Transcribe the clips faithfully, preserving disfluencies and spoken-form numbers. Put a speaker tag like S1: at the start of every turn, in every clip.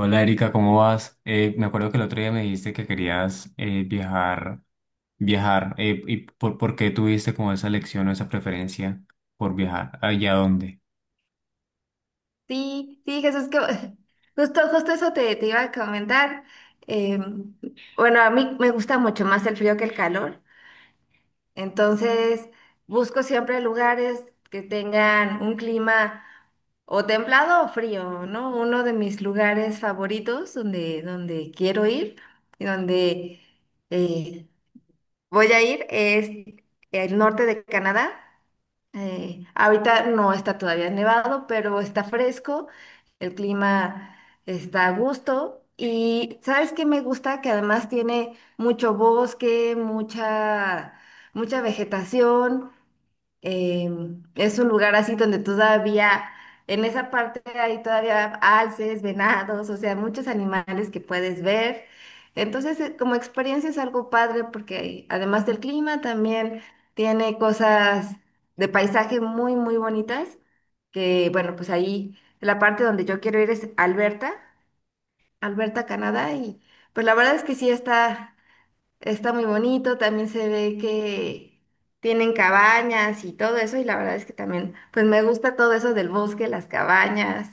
S1: Hola Erika, ¿cómo vas? Eh, me acuerdo que el otro día me dijiste que querías eh, viajar, viajar, eh, ¿y por, por qué tuviste como esa elección o esa preferencia por viajar? ¿Allá dónde?
S2: Sí, sí, Jesús, que justo, justo eso te, te iba a comentar. Eh, bueno, a mí me gusta mucho más el frío que el calor, entonces busco siempre lugares que tengan un clima o templado o frío, ¿no? Uno de mis lugares favoritos donde, donde quiero ir y donde eh, voy a ir es el norte de Canadá. Eh, ahorita no está todavía nevado, pero está fresco, el clima está a gusto. ¿Y sabes qué me gusta? Que además tiene mucho bosque, mucha, mucha vegetación, eh, es un lugar así donde todavía, en esa parte hay todavía alces, venados, o sea, muchos animales que puedes ver. Entonces, eh, como experiencia es algo padre porque además del clima también tiene cosas de paisaje muy, muy bonitas, que bueno, pues ahí la parte donde yo quiero ir es Alberta, Alberta, Canadá, y pues la verdad es que sí está... Está muy bonito, también se ve que tienen cabañas y todo eso, y la verdad es que también, pues me gusta todo eso del bosque, las cabañas.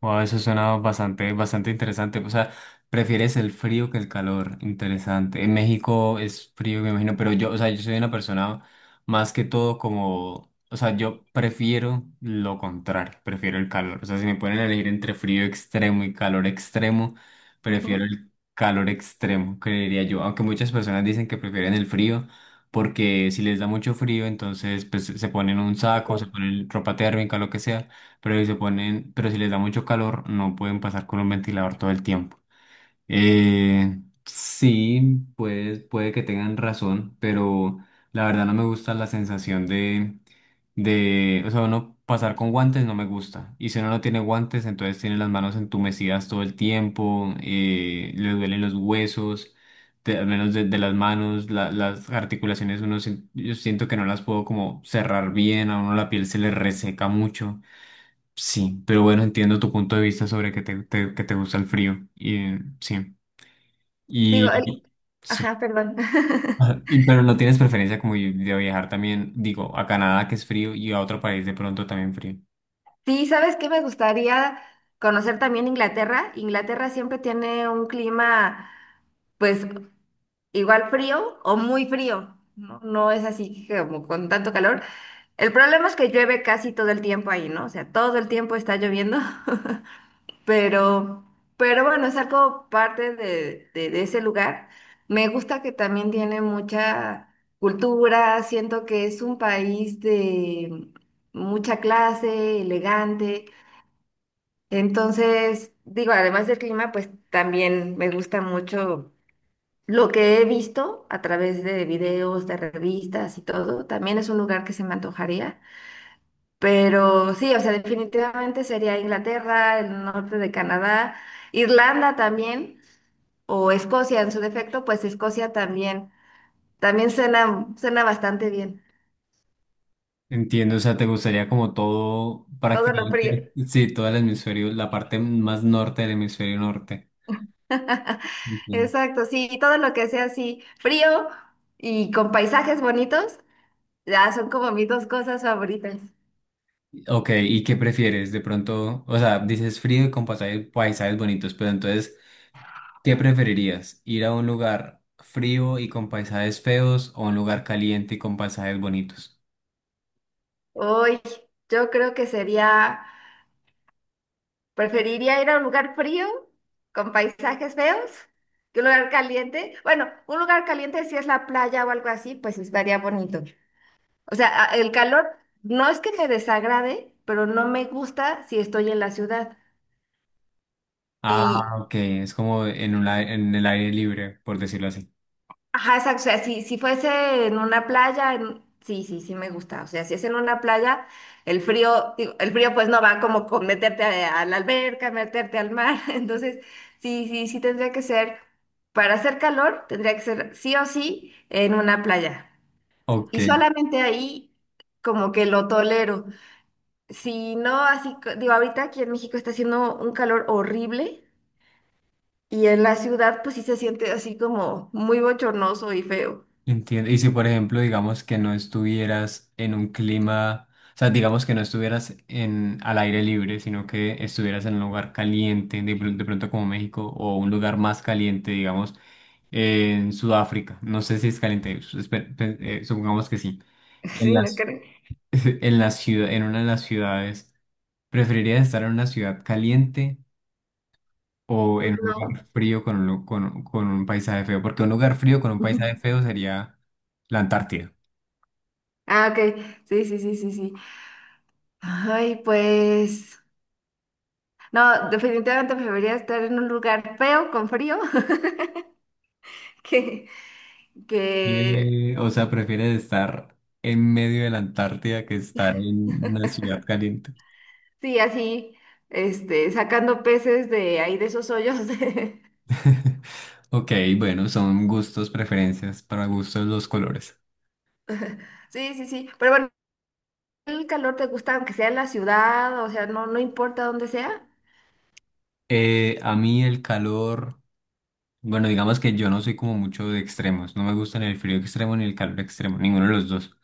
S1: Wow, eso suena bastante, bastante interesante. O sea, prefieres el frío que el calor. Interesante. En México es frío, me imagino, pero yo, o sea, yo soy una persona más que todo como, o sea, yo prefiero lo contrario, prefiero el calor. O sea, si me ponen a elegir entre frío extremo y calor extremo, prefiero
S2: Ujú.
S1: el calor extremo, creería yo. Aunque muchas personas dicen que prefieren el frío porque si les da mucho frío, entonces pues se ponen un saco, se
S2: Exacto.
S1: ponen ropa térmica, lo que sea, pero si se ponen, pero si les da mucho calor, no pueden pasar con un ventilador todo el tiempo. Eh, sí, pues puede que tengan razón, pero la verdad no me gusta la sensación de, de, o sea, uno pasar con guantes no me gusta. Y si uno no tiene guantes, entonces tiene las manos entumecidas todo el tiempo, eh, le duelen los huesos de- al menos de, de las manos, la- las articulaciones, uno, sien- yo siento que no las puedo como cerrar bien, a uno la piel se le reseca mucho. Sí, pero bueno, entiendo tu punto de vista sobre que te, te- que te gusta el frío. Y, eh, sí,
S2: Digo, el-
S1: y sí.
S2: ajá, perdón.
S1: Ajá. Y- pero no tienes preferencia como de de viajar también, digo, a Canadá que es frío y a otro país de pronto también frío.
S2: Sí, ¿sabes qué? Me gustaría conocer también Inglaterra. Inglaterra siempre tiene un clima, pues, igual frío o muy frío, ¿no? No es así que como con tanto calor. El problema es que llueve casi todo el tiempo ahí, ¿no? O sea, todo el tiempo está lloviendo. Pero, pero bueno, es algo parte de, de, de ese lugar. Me gusta que también tiene mucha cultura, siento que es un país de mucha clase, elegante. Entonces, digo, además del clima, pues también me gusta mucho lo que he visto a través de videos, de revistas y todo. También es un lugar que se me antojaría. Pero sí, o sea, definitivamente sería Inglaterra, el norte de Canadá, Irlanda también, o Escocia en su defecto, pues Escocia también. También suena, suena bastante bien.
S1: Entiendo, o sea, te gustaría como todo,
S2: Todo lo frío.
S1: prácticamente, sí, todo el hemisferio, la parte más norte del hemisferio norte. Entiendo.
S2: Exacto, sí, todo lo que sea así, frío y con paisajes bonitos, ya son como mis dos cosas favoritas.
S1: Ok, ¿y qué prefieres? De pronto, o sea, dices frío y con pasajes- paisajes bonitos, pero entonces... ¿Qué preferirías? ¿Ir a un lugar frío y con paisajes feos o a un lugar caliente y con paisajes bonitos?
S2: Hoy, yo creo que sería, preferiría ir a un lugar frío con paisajes feos que un lugar caliente. Bueno, un lugar caliente si es la playa o algo así, pues estaría bonito. O sea, a- el calor no es que me desagrade, pero no me gusta si estoy en la ciudad.
S1: Ah, ok, es como en un, ai- en el aire libre, por decirlo así.
S2: Ajá, exacto. O sea, si, si fuese en una playa, en- sí, sí, sí me gusta. O sea, si es en una playa, el frío, digo, el frío pues no va como con meterte a, a la alberca, meterte al mar. Entonces, sí, sí, sí tendría que ser, para hacer calor, tendría que ser sí o sí en una playa.
S1: Ok,
S2: Y solamente ahí como que lo tolero. Si no, así, co- digo, ahorita aquí en México está haciendo un calor horrible y en la ciudad pues sí se siente así como muy bochornoso y feo.
S1: entiendo. Y si, por ejemplo, digamos que no estuvieras en un clima, o sea, digamos que no estuvieras en, al aire libre, sino que estuvieras en un lugar caliente, de, pr- de pronto como México, o un lugar más caliente, digamos, en Sudáfrica. No sé si es caliente, espe- pe- eh, supongamos que sí. En
S2: Sí, ¿no
S1: las
S2: creen?
S1: En la ciudad, en una de las ciudades, ¿preferirías estar en una ciudad caliente o en un
S2: No.
S1: lugar frío con un, lu- con, con un paisaje feo? Porque un lugar frío con un paisaje feo sería la Antártida.
S2: Ah, ok. Sí, sí, sí, sí, sí. Ay, pues. No, definitivamente preferiría estar en un lugar feo, con frío, que, que
S1: Eh, o sea, prefieres estar en medio de la Antártida que estar en una ciudad caliente.
S2: sí, así, este, sacando peces de ahí de esos hoyos. de-
S1: Ok, bueno, son gustos, preferencias, para gustos los colores.
S2: Sí, sí, sí. Pero bueno, el calor te gusta, aunque sea en la ciudad, o sea, no, no importa dónde sea.
S1: Eh, a mí el calor. Bueno, digamos que yo no soy como mucho de extremos. No me gusta ni el frío extremo ni el calor extremo, ninguno de los dos.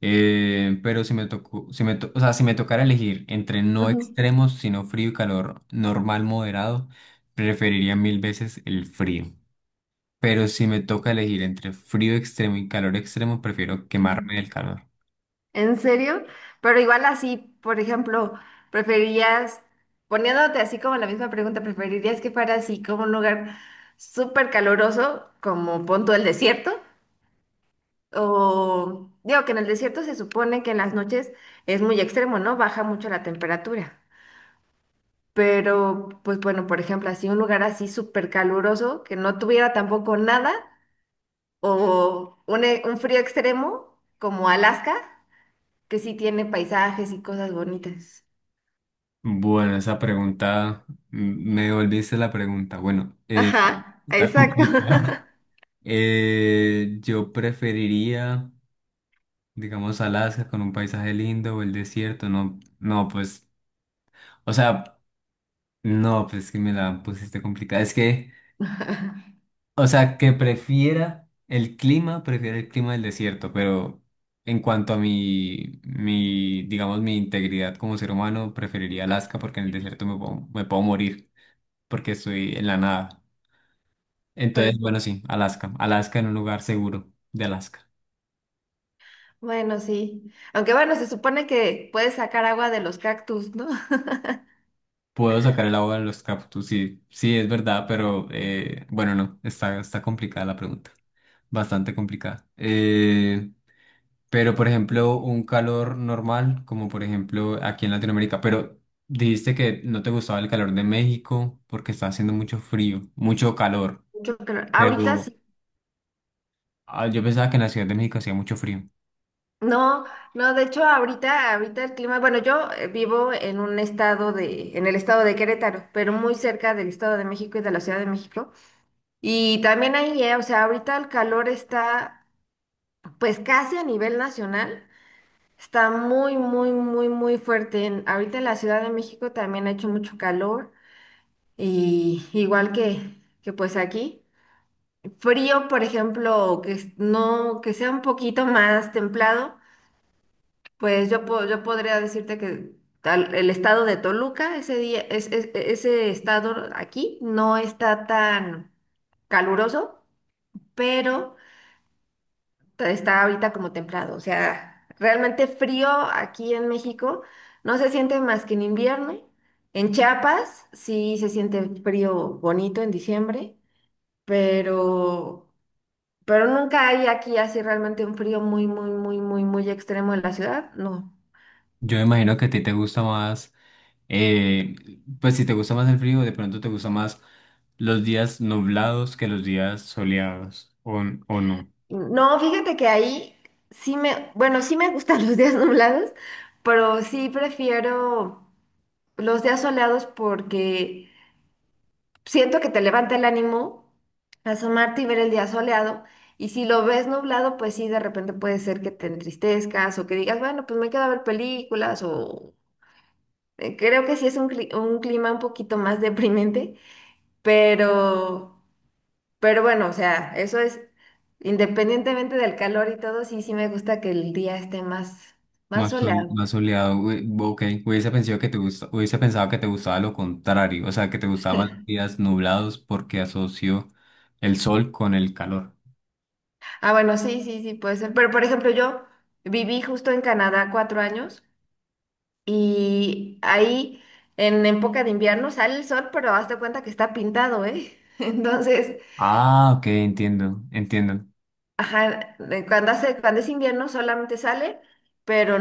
S1: Eh, pero si me tocó, si me to- o sea, si me tocara elegir entre no
S2: Ujú,
S1: extremos, sino frío y calor normal moderado, preferiría mil veces el frío. Pero si me toca elegir entre frío extremo y calor extremo, prefiero
S2: ujú.
S1: quemarme del calor.
S2: ¿En serio? Pero igual así, por ejemplo, preferirías, poniéndote así como la misma pregunta, ¿preferirías que fuera así como un lugar súper caloroso, como punto del desierto? O digo que en el desierto se supone que en las noches es muy extremo, ¿no? Baja mucho la temperatura. Pero, pues bueno, por ejemplo, así un lugar así súper caluroso, que no tuviera tampoco nada, o un, e- un frío extremo como Alaska, que sí tiene paisajes y cosas bonitas.
S1: Bueno, esa pregunta, mm, me devolviste la pregunta. Bueno, eh,
S2: Ajá,
S1: está
S2: exacto.
S1: complicado. Eh, yo preferiría, digamos, Alaska con un paisaje lindo o el desierto, no, no, pues, o sea, no, pues que me la pusiste complicada. Es que, o sea, que prefiera el clima, prefiera el clima del desierto, pero en cuanto a mi, mi, digamos, mi integridad como ser humano, preferiría Alaska porque en el desierto me puedo, me puedo morir, porque estoy en la nada.
S2: Pues,
S1: Entonces, bueno,
S2: sí.
S1: sí, Alaska, Alaska en un lugar seguro de Alaska.
S2: Bueno, sí. Aunque bueno, se supone que puedes sacar agua de los cactus, ¿no?
S1: Puedo sacar el agua de los cactus, sí, sí, es verdad, pero eh, bueno, no, está, está complicada la pregunta, bastante complicada. Eh, pero, por ejemplo, un calor normal, como por ejemplo aquí en Latinoamérica, pero dijiste que no te gustaba el calor de México porque está haciendo mucho frío, mucho calor,
S2: Mucho calor. Ahorita
S1: pero
S2: sí.
S1: ah, yo pensaba que en la Ciudad de México hacía mucho frío.
S2: No, no, de hecho ahorita, ahorita el clima, bueno, yo eh, vivo en un estado de, en el estado de Querétaro, pero muy cerca del Estado de México y de la Ciudad de México. Y también ahí, eh, o sea, ahorita el calor está pues casi a nivel nacional. Está muy, muy, muy, muy fuerte. En- ahorita en la Ciudad de México también ha hecho mucho calor. Y igual que, que pues aquí, frío, por ejemplo, que es- no, que sea un poquito más templado, pues yo, po- yo podría decirte que tal- el estado de Toluca, ese día, es- es- ese estado aquí no está tan caluroso, pero ta- está ahorita como templado. O sea, realmente frío aquí en México no se siente más que en invierno. En Chiapas sí se siente frío bonito en diciembre. pero, pero nunca hay aquí así realmente un frío muy, muy, muy, muy, muy extremo en la ciudad, no.
S1: Yo me imagino que a ti te gusta más, eh, pues si te gusta más el frío, de pronto te gusta más los días nublados que los días soleados, o, o no,
S2: No, fíjate que ahí sí me, bueno, sí me gustan los días nublados, pero sí prefiero los días soleados porque siento que te levanta el ánimo asomarte y ver el día soleado. Y si lo ves nublado, pues sí, de repente puede ser que te entristezcas o que digas, bueno, pues me quedo a ver películas o eh, creo que sí es un, cli- un clima un poquito más deprimente. Pero, pero bueno, o sea, eso es independientemente del calor y todo, sí, sí me gusta que el día esté más, más
S1: más, sol-
S2: soleado.
S1: más soleado. Ue- ok, hubiese pensado que te gusta, hubiese pensado que te gustaba lo contrario, o sea, que te gustaban más los días nublados porque asocio el sol con el calor.
S2: Ah, bueno, sí, sí, sí, puede ser. Pero por ejemplo, yo viví justo en Canadá cuatro años y ahí en época de invierno sale el sol, pero hazte cuenta que está pintado, ¿eh? Entonces,
S1: Ah, ok, entiendo, entiendo.
S2: ajá, de cuando hace, cuando es invierno solamente sale, pero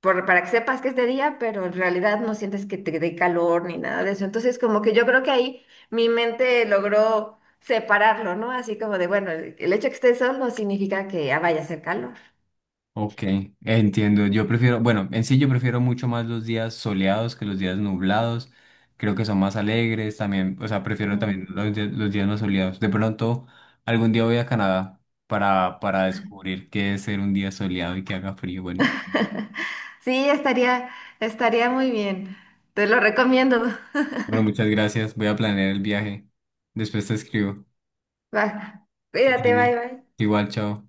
S2: por- para que sepas que es de día, pero en realidad no sientes que te dé calor ni nada de eso. Entonces, como que yo creo que ahí mi mente logró separarlo, ¿no? Así como de, bueno, el, el hecho que esté sol no significa que ah, vaya a hacer calor.
S1: Ok, entiendo. Yo prefiero, bueno, en sí yo prefiero mucho más los días soleados que los días nublados. Creo que son más alegres también, o sea, prefiero
S2: Ujú.
S1: también los, di- los días no soleados. De pronto, algún día voy a Canadá para, para descubrir qué es ser un día soleado y que haga frío. Bueno,
S2: Sí, estaría, estaría muy bien. Te lo recomiendo.
S1: bueno, muchas gracias. Voy a planear el viaje. Después te escribo.
S2: Va,
S1: Que estés
S2: cuídate, bye,
S1: bien.
S2: bye.
S1: Igual, chao.